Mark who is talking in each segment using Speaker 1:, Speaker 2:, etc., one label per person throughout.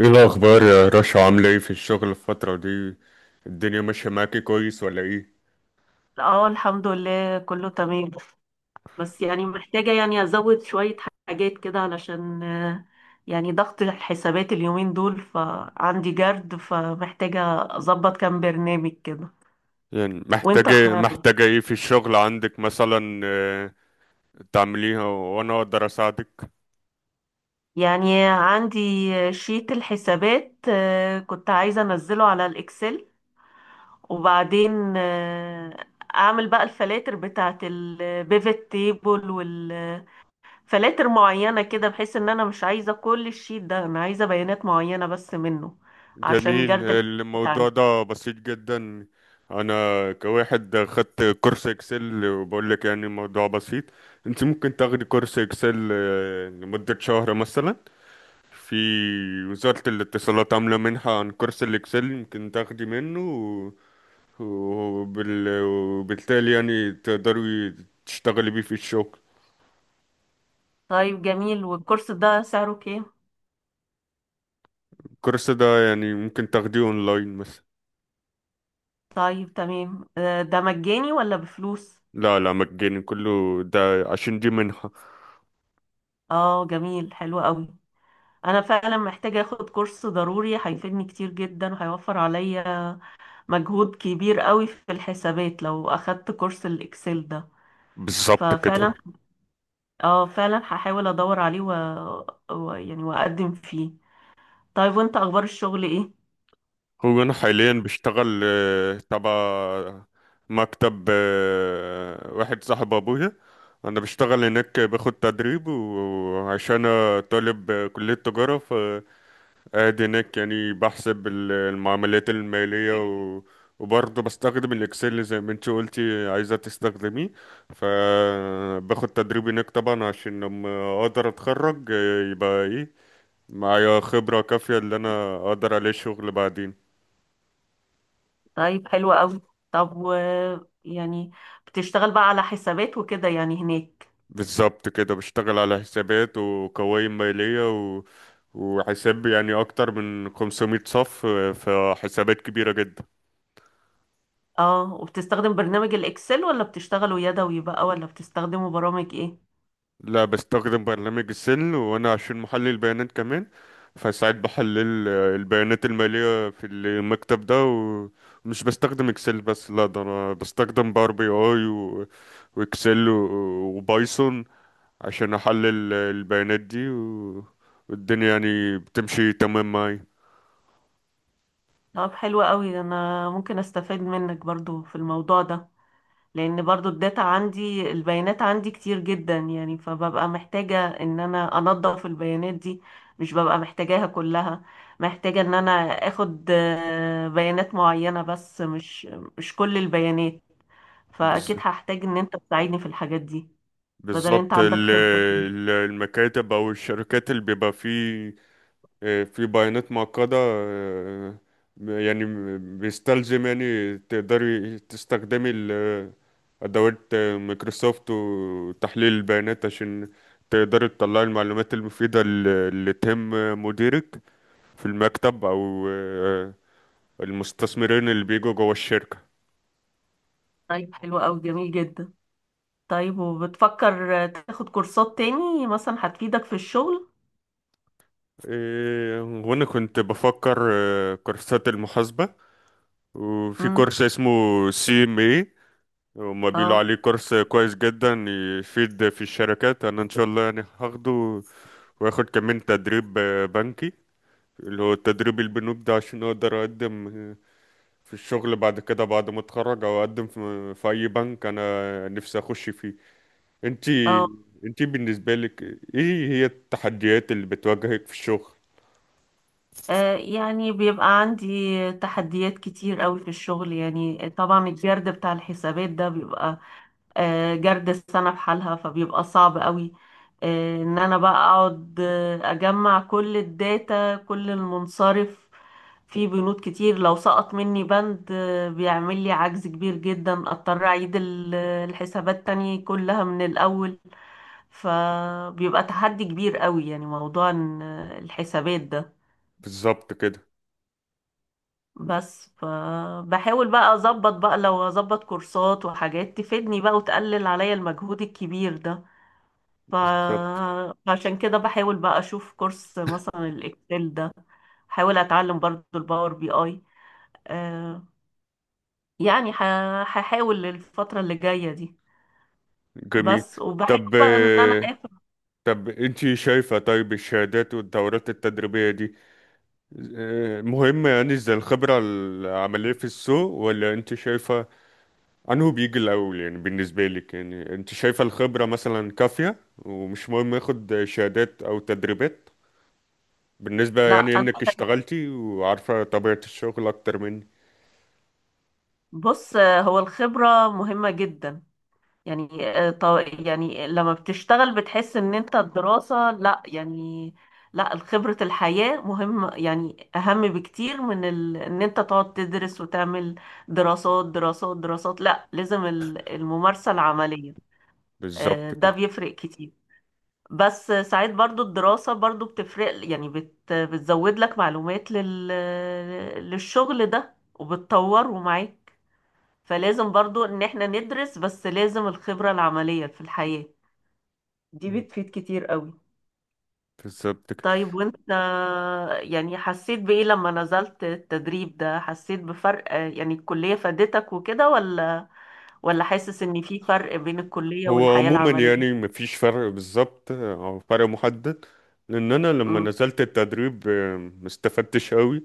Speaker 1: ايه الاخبار يا رشا؟ عامله ايه في الشغل الفتره دي؟ الدنيا ماشيه معاكي كويس ولا ايه؟
Speaker 2: اه الحمد لله كله تمام. بس يعني محتاجة يعني أزود شوية حاجات كده علشان يعني ضغط الحسابات اليومين دول، فعندي جرد فمحتاجة أظبط كام برنامج كده.
Speaker 1: يعني
Speaker 2: وانت؟
Speaker 1: محتاجه محتاجه ايه في الشغل عندك مثلا؟ تعمليها وانا اقدر اساعدك.
Speaker 2: يعني عندي شيت الحسابات، كنت عايزة أنزله على الإكسل، وبعدين أعمل بقى الفلاتر بتاعت البيفت تيبل، فلاتر معينة كده بحيث ان انا مش عايزة كل الشيت ده، انا عايزة بيانات معينة بس منه عشان
Speaker 1: جميل،
Speaker 2: جرد الحسابات
Speaker 1: الموضوع
Speaker 2: عندي.
Speaker 1: ده بسيط جدا. انا كواحد خدت كورس اكسل وبقول لك يعني الموضوع بسيط. انت ممكن تاخدي كورس اكسل لمده شهر مثلا. في وزارة الاتصالات عاملة منحة عن كورس الإكسل ممكن تاخدي منه، وبالتالي يعني تقدري تشتغلي بيه في الشغل.
Speaker 2: طيب جميل، والكورس ده سعره كام؟
Speaker 1: الكورس ده يعني ممكن تاخديه اونلاين مثلا.
Speaker 2: طيب تمام، ده مجاني ولا بفلوس؟
Speaker 1: لا، مجاني كله ده، عشان دي منحة.
Speaker 2: اه جميل، حلو قوي. انا فعلا محتاجة اخد كورس ضروري، هيفيدني كتير جدا وهيوفر عليا مجهود كبير قوي في الحسابات لو اخدت كورس الاكسل ده.
Speaker 1: بالظبط كده.
Speaker 2: ففعلا اه فعلا هحاول ادور عليه يعني واقدم فيه. طيب وانت اخبار الشغل ايه؟
Speaker 1: هو انا حاليا بشتغل تبع مكتب واحد صاحب ابويا. انا بشتغل هناك باخد تدريب، وعشان أنا طالب كلية تجارة ادي هناك يعني بحسب المعاملات المالية وبرضه بستخدم الاكسل زي ما انت قلتي عايزة تستخدميه. فباخد تدريب هناك طبعا، عشان لما اقدر اتخرج يبقى ايه، معايا خبرة كافية اللي انا اقدر عليه شغل بعدين.
Speaker 2: طيب حلو قوي. طب و يعني بتشتغل بقى على حسابات وكده يعني هناك؟
Speaker 1: بالظبط كده، بشتغل على حسابات وقوائم مالية و... وحساب يعني اكتر من 500 صف، فحسابات كبيرة جدا.
Speaker 2: اه، وبتستخدم برنامج الاكسل ولا بتشتغله يدوي بقى، ولا بتستخدمه برامج ايه؟
Speaker 1: لا، بستخدم برنامج السل، وانا عشان محلل البيانات كمان فساعات بحلل البيانات المالية في المكتب ده. ومش بستخدم اكسل بس، لا ده انا بستخدم باور بي اي واكسل وبايثون عشان احلل البيانات دي والدنيا يعني بتمشي تمام معايا.
Speaker 2: طب حلو قوي، انا ممكن استفاد منك برضو في الموضوع ده، لان برضو الداتا عندي، البيانات عندي كتير جدا يعني، فببقى محتاجة ان انا انظف البيانات دي، مش ببقى محتاجاها كلها. محتاجة ان انا اخد بيانات معينة بس، مش كل البيانات. فاكيد
Speaker 1: بز-
Speaker 2: هحتاج ان انت تساعدني في الحاجات دي، بدل انت
Speaker 1: بالظبط،
Speaker 2: عندك خبرة فيها.
Speaker 1: المكاتب او الشركات اللي بيبقى فيه في بيانات معقدة، يعني بيستلزم يعني تقدري تستخدمي أدوات مايكروسوفت وتحليل البيانات عشان تقدري تطلعي المعلومات المفيدة اللي تهم مديرك في المكتب أو المستثمرين اللي بيجوا جوا الشركة.
Speaker 2: طيب حلو قوي، جميل جدا. طيب وبتفكر تاخد كورسات تاني مثلا هتفيدك في الشغل؟
Speaker 1: إيه، وأنا كنت بفكر كورسات المحاسبة، وفي
Speaker 2: امم.
Speaker 1: كورس اسمه سي ام إيه. هما بيقولوا
Speaker 2: اه
Speaker 1: عليه كورس كويس جدا يفيد في الشركات، انا ان شاء الله يعني هاخده. واخد كمان تدريب بنكي، اللي هو التدريب البنوك ده، عشان اقدر اقدم في الشغل بعد كده بعد ما اتخرج، او اقدم في, في اي بنك انا نفسي اخش فيه. انتي،
Speaker 2: اه.
Speaker 1: انتي بالنسبة لك ايه هي التحديات اللي بتواجهك في الشغل؟
Speaker 2: يعني بيبقى عندي تحديات كتير قوي في الشغل، يعني طبعا الجرد بتاع الحسابات ده بيبقى جرد السنة بحالها فبيبقى صعب قوي. ان انا بقى اقعد اجمع كل الداتا كل المنصرف، في بنود كتير، لو سقط مني بند بيعمل لي عجز كبير جدا، اضطر اعيد الحسابات تاني كلها من الاول. فبيبقى تحدي كبير قوي يعني، موضوع إن الحسابات ده.
Speaker 1: بالظبط كده،
Speaker 2: بس فبحاول بقى اظبط، بقى لو اظبط كورسات وحاجات تفيدني بقى وتقلل عليا المجهود الكبير ده. ف...
Speaker 1: بالظبط.
Speaker 2: فعشان كده بحاول بقى اشوف كورس مثلا الاكسل ده، حاول اتعلم برضو الباور بي اي. آه، يعني ح- هحاول الفترة اللي جاية دي
Speaker 1: جميل.
Speaker 2: بس.
Speaker 1: طب
Speaker 2: وبحاول بقى ان انا
Speaker 1: آه،
Speaker 2: اخد.
Speaker 1: طب انتي شايفة طيب الشهادات والدورات التدريبية دي مهم يعني زي الخبرة العملية في السوق، ولا انت شايفة انه بيجي الاول؟ يعني بالنسبة لك يعني انت شايفة الخبرة مثلا كافية ومش مهم ياخد شهادات او تدريبات، بالنسبة
Speaker 2: لا
Speaker 1: يعني
Speaker 2: انا،
Speaker 1: انك اشتغلتي وعارفة طبيعة الشغل اكتر مني؟
Speaker 2: بص، هو الخبرة مهمة جدا يعني. يعني لما بتشتغل بتحس ان انت الدراسة لا يعني، لا خبرة الحياة مهم يعني اهم بكتير من ان انت تقعد تدرس وتعمل دراسات دراسات دراسات. لا لازم الممارسة العملية.
Speaker 1: بالظبط
Speaker 2: ده
Speaker 1: كده.
Speaker 2: بيفرق كتير. بس ساعات برضو الدراسة برضو بتفرق يعني، بتزود لك معلومات للشغل ده وبتطوره معاك. فلازم برضو ان احنا ندرس، بس لازم الخبرة العملية في الحياة دي
Speaker 1: مم.
Speaker 2: بتفيد كتير قوي.
Speaker 1: بالظبط كده.
Speaker 2: طيب وانت، يعني حسيت بإيه لما نزلت التدريب ده؟ حسيت بفرق يعني الكلية فادتك وكده، ولا حاسس ان في فرق بين الكلية
Speaker 1: هو
Speaker 2: والحياة
Speaker 1: عموما يعني
Speaker 2: العملية؟
Speaker 1: مفيش فرق بالظبط او فرق محدد، لان انا لما
Speaker 2: امم.
Speaker 1: نزلت التدريب ما استفدتش قوي.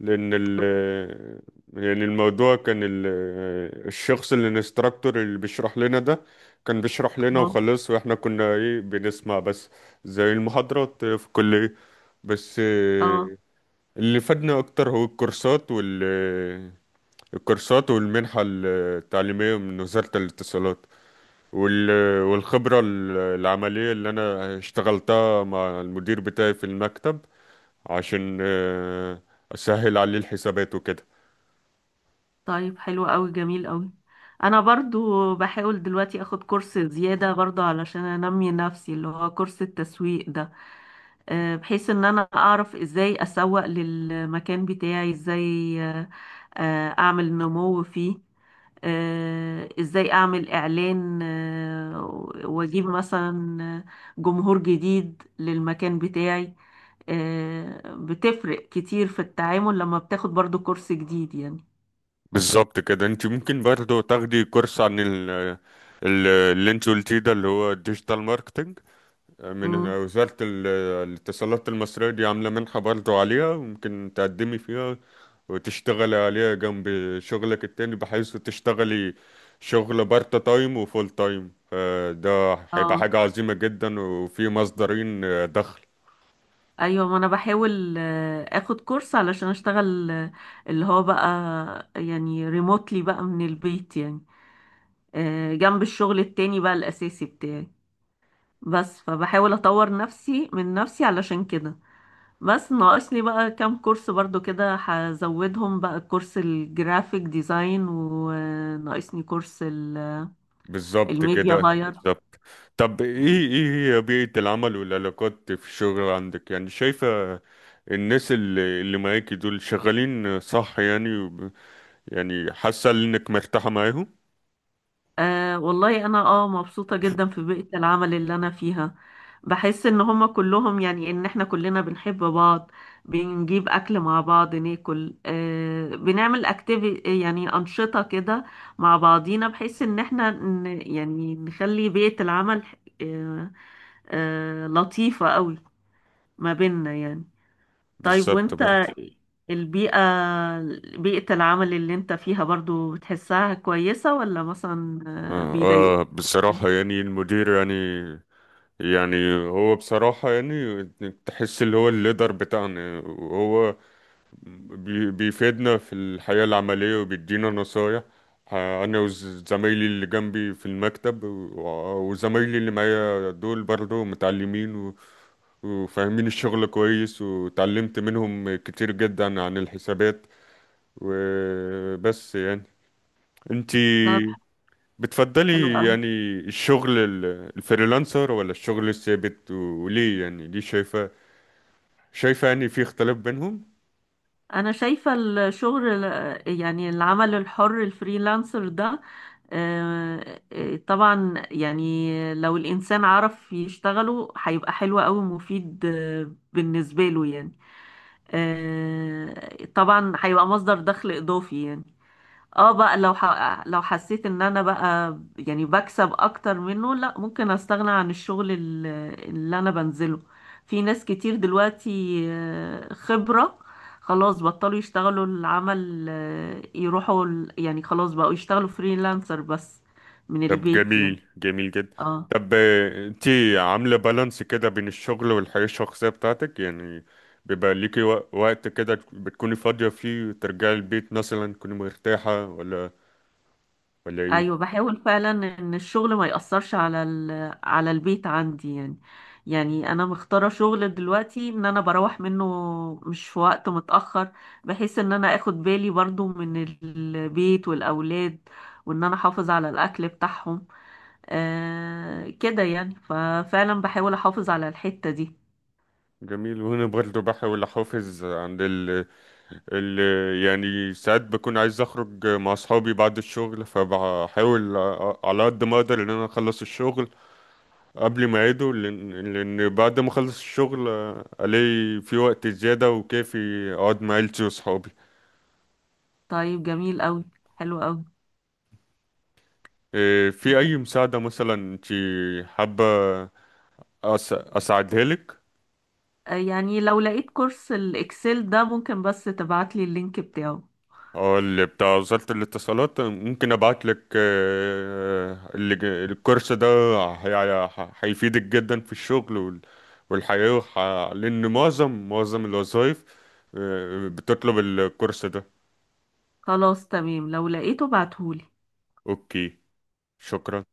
Speaker 1: لان ال آه، يعني الموضوع كان الشخص اللي الانستراكتور اللي بيشرح لنا ده كان بيشرح لنا
Speaker 2: اه.
Speaker 1: وخلاص، واحنا كنا ايه، بنسمع بس، زي المحاضرات في الكلية بس.
Speaker 2: آه.
Speaker 1: آه، اللي فادنا اكتر هو الكورسات وال آه، الكورسات والمنحة التعليمية من وزارة الاتصالات وال... والخبرة العملية اللي أنا اشتغلتها مع المدير بتاعي في المكتب عشان أسهل عليه الحسابات وكده.
Speaker 2: طيب حلو قوي، جميل قوي. انا برضو بحاول دلوقتي اخد كورس زيادة برضو علشان انمي نفسي، اللي هو كورس التسويق ده، بحيث ان انا اعرف ازاي اسوق للمكان بتاعي، ازاي اعمل نمو فيه، ازاي اعمل اعلان، واجيب مثلا جمهور جديد للمكان بتاعي. بتفرق كتير في التعامل لما بتاخد برضو كورس جديد يعني.
Speaker 1: بالظبط كده، انت ممكن برضو تاخدي كورس عن اللي انت قلتيه ده اللي هو الديجيتال ماركتنج من
Speaker 2: مم.
Speaker 1: وزارة الاتصالات المصرية. دي عاملة منحة برضو عليها ممكن تقدمي فيها وتشتغلي عليها جنب شغلك التاني، بحيث تشتغلي شغل بارت تايم وفول تايم. فده هيبقى
Speaker 2: اه
Speaker 1: حاجة عظيمة جدا، وفي مصدرين دخل.
Speaker 2: ايوه، ما انا بحاول اخد كورس علشان اشتغل، اللي هو بقى يعني ريموتلي بقى من البيت يعني، جنب الشغل التاني بقى الاساسي بتاعي. بس فبحاول اطور نفسي من نفسي علشان كده. بس ناقصني بقى كام كورس برضو كده هزودهم بقى: كورس الجرافيك ديزاين، وناقصني كورس
Speaker 1: بالظبط
Speaker 2: الميديا
Speaker 1: كده،
Speaker 2: باير.
Speaker 1: بالظبط. طب ايه، ايه هي بيئة العمل والعلاقات في الشغل عندك؟ يعني شايفة الناس اللي معاكي دول شغالين صح يعني، يعني حاسة انك مرتاحة معاهم؟
Speaker 2: آه والله انا اه مبسوطة جدا في بيئة العمل اللي انا فيها. بحس ان هما كلهم يعني، ان احنا كلنا بنحب بعض، بنجيب اكل مع بعض ناكل، آه، بنعمل اكتيفي يعني انشطة كده مع بعضينا، بحيث ان احنا يعني نخلي بيئة العمل آه آه لطيفة قوي ما بيننا يعني. طيب
Speaker 1: بالظبط
Speaker 2: وانت،
Speaker 1: برضه.
Speaker 2: البيئة، بيئة العمل اللي انت فيها برضو بتحسها كويسة، ولا مثلا
Speaker 1: آه,
Speaker 2: بيضايقوك؟
Speaker 1: آه، بصراحة يعني المدير يعني، يعني هو بصراحة يعني تحس اللي هو الليدر بتاعنا، وهو بيفيدنا في الحياة العملية وبيدينا نصايح أنا وزمايلي اللي جنبي في المكتب، وزمايلي اللي معايا دول برضه متعلمين وفاهمين الشغل كويس، وتعلمت منهم كتير جدا عن الحسابات وبس يعني. انتي
Speaker 2: طب حلو
Speaker 1: بتفضلي
Speaker 2: قوي.
Speaker 1: يعني الشغل الفريلانسر ولا الشغل الثابت؟ وليه يعني؟ ليه شايفة، شايفة يعني في اختلاف بينهم؟
Speaker 2: انا شايفة الشغل، يعني العمل الحر الفريلانسر ده، طبعا يعني لو الانسان عرف يشتغله هيبقى حلو قوي ومفيد بالنسبة له يعني. طبعا هيبقى مصدر دخل اضافي يعني. اه بقى لو حسيت ان انا بقى يعني بكسب اكتر منه، لا ممكن استغنى عن الشغل اللي انا بنزله. في ناس كتير دلوقتي خبرة، خلاص بطلوا يشتغلوا العمل، يروحوا يعني خلاص بقوا يشتغلوا فريلانسر بس من
Speaker 1: طب
Speaker 2: البيت يعني.
Speaker 1: جميل، جميل جدا.
Speaker 2: اه
Speaker 1: طب آه، انتي عاملة بالانس كده بين الشغل والحياة الشخصية بتاعتك يعني؟ بيبقى ليكي وقت كده بتكوني فاضية فيه وترجعي البيت مثلا تكوني مرتاحة، ولا ولا ايه؟
Speaker 2: ايوه بحاول فعلا ان الشغل ما يأثرش على على البيت عندي يعني. يعني انا مختاره شغل دلوقتي ان انا بروح منه مش في وقت متأخر، بحيث ان انا اخد بالي برضو من البيت والاولاد، وان انا احافظ على الاكل بتاعهم. آه كده يعني، ففعلا بحاول احافظ على الحتة دي.
Speaker 1: جميل، وهنا برضه بحاول احافظ عند اللي يعني ساعات بكون عايز اخرج مع اصحابي بعد الشغل، فبحاول على قد ما اقدر ان انا اخلص الشغل قبل ما يعيدوا، لان لأن بعد ما اخلص الشغل الاقي في وقت زيادة وكافي اقعد مع عيلتي واصحابي.
Speaker 2: طيب جميل قوي، حلو قوي.
Speaker 1: إيه، في اي مساعدة مثلا انت حابة اساعدها لك؟
Speaker 2: يعني لو لقيت كورس الاكسل ده ممكن بس تبعتلي اللينك بتاعه.
Speaker 1: اه، اللي بتاع وزارة الاتصالات، ممكن ابعت لك الكورس ده هيفيدك جدا في الشغل والحياة لان معظم الوظائف بتطلب الكورس ده.
Speaker 2: خلاص تمام لو لقيته بعتهولي.
Speaker 1: اوكي. شكرا.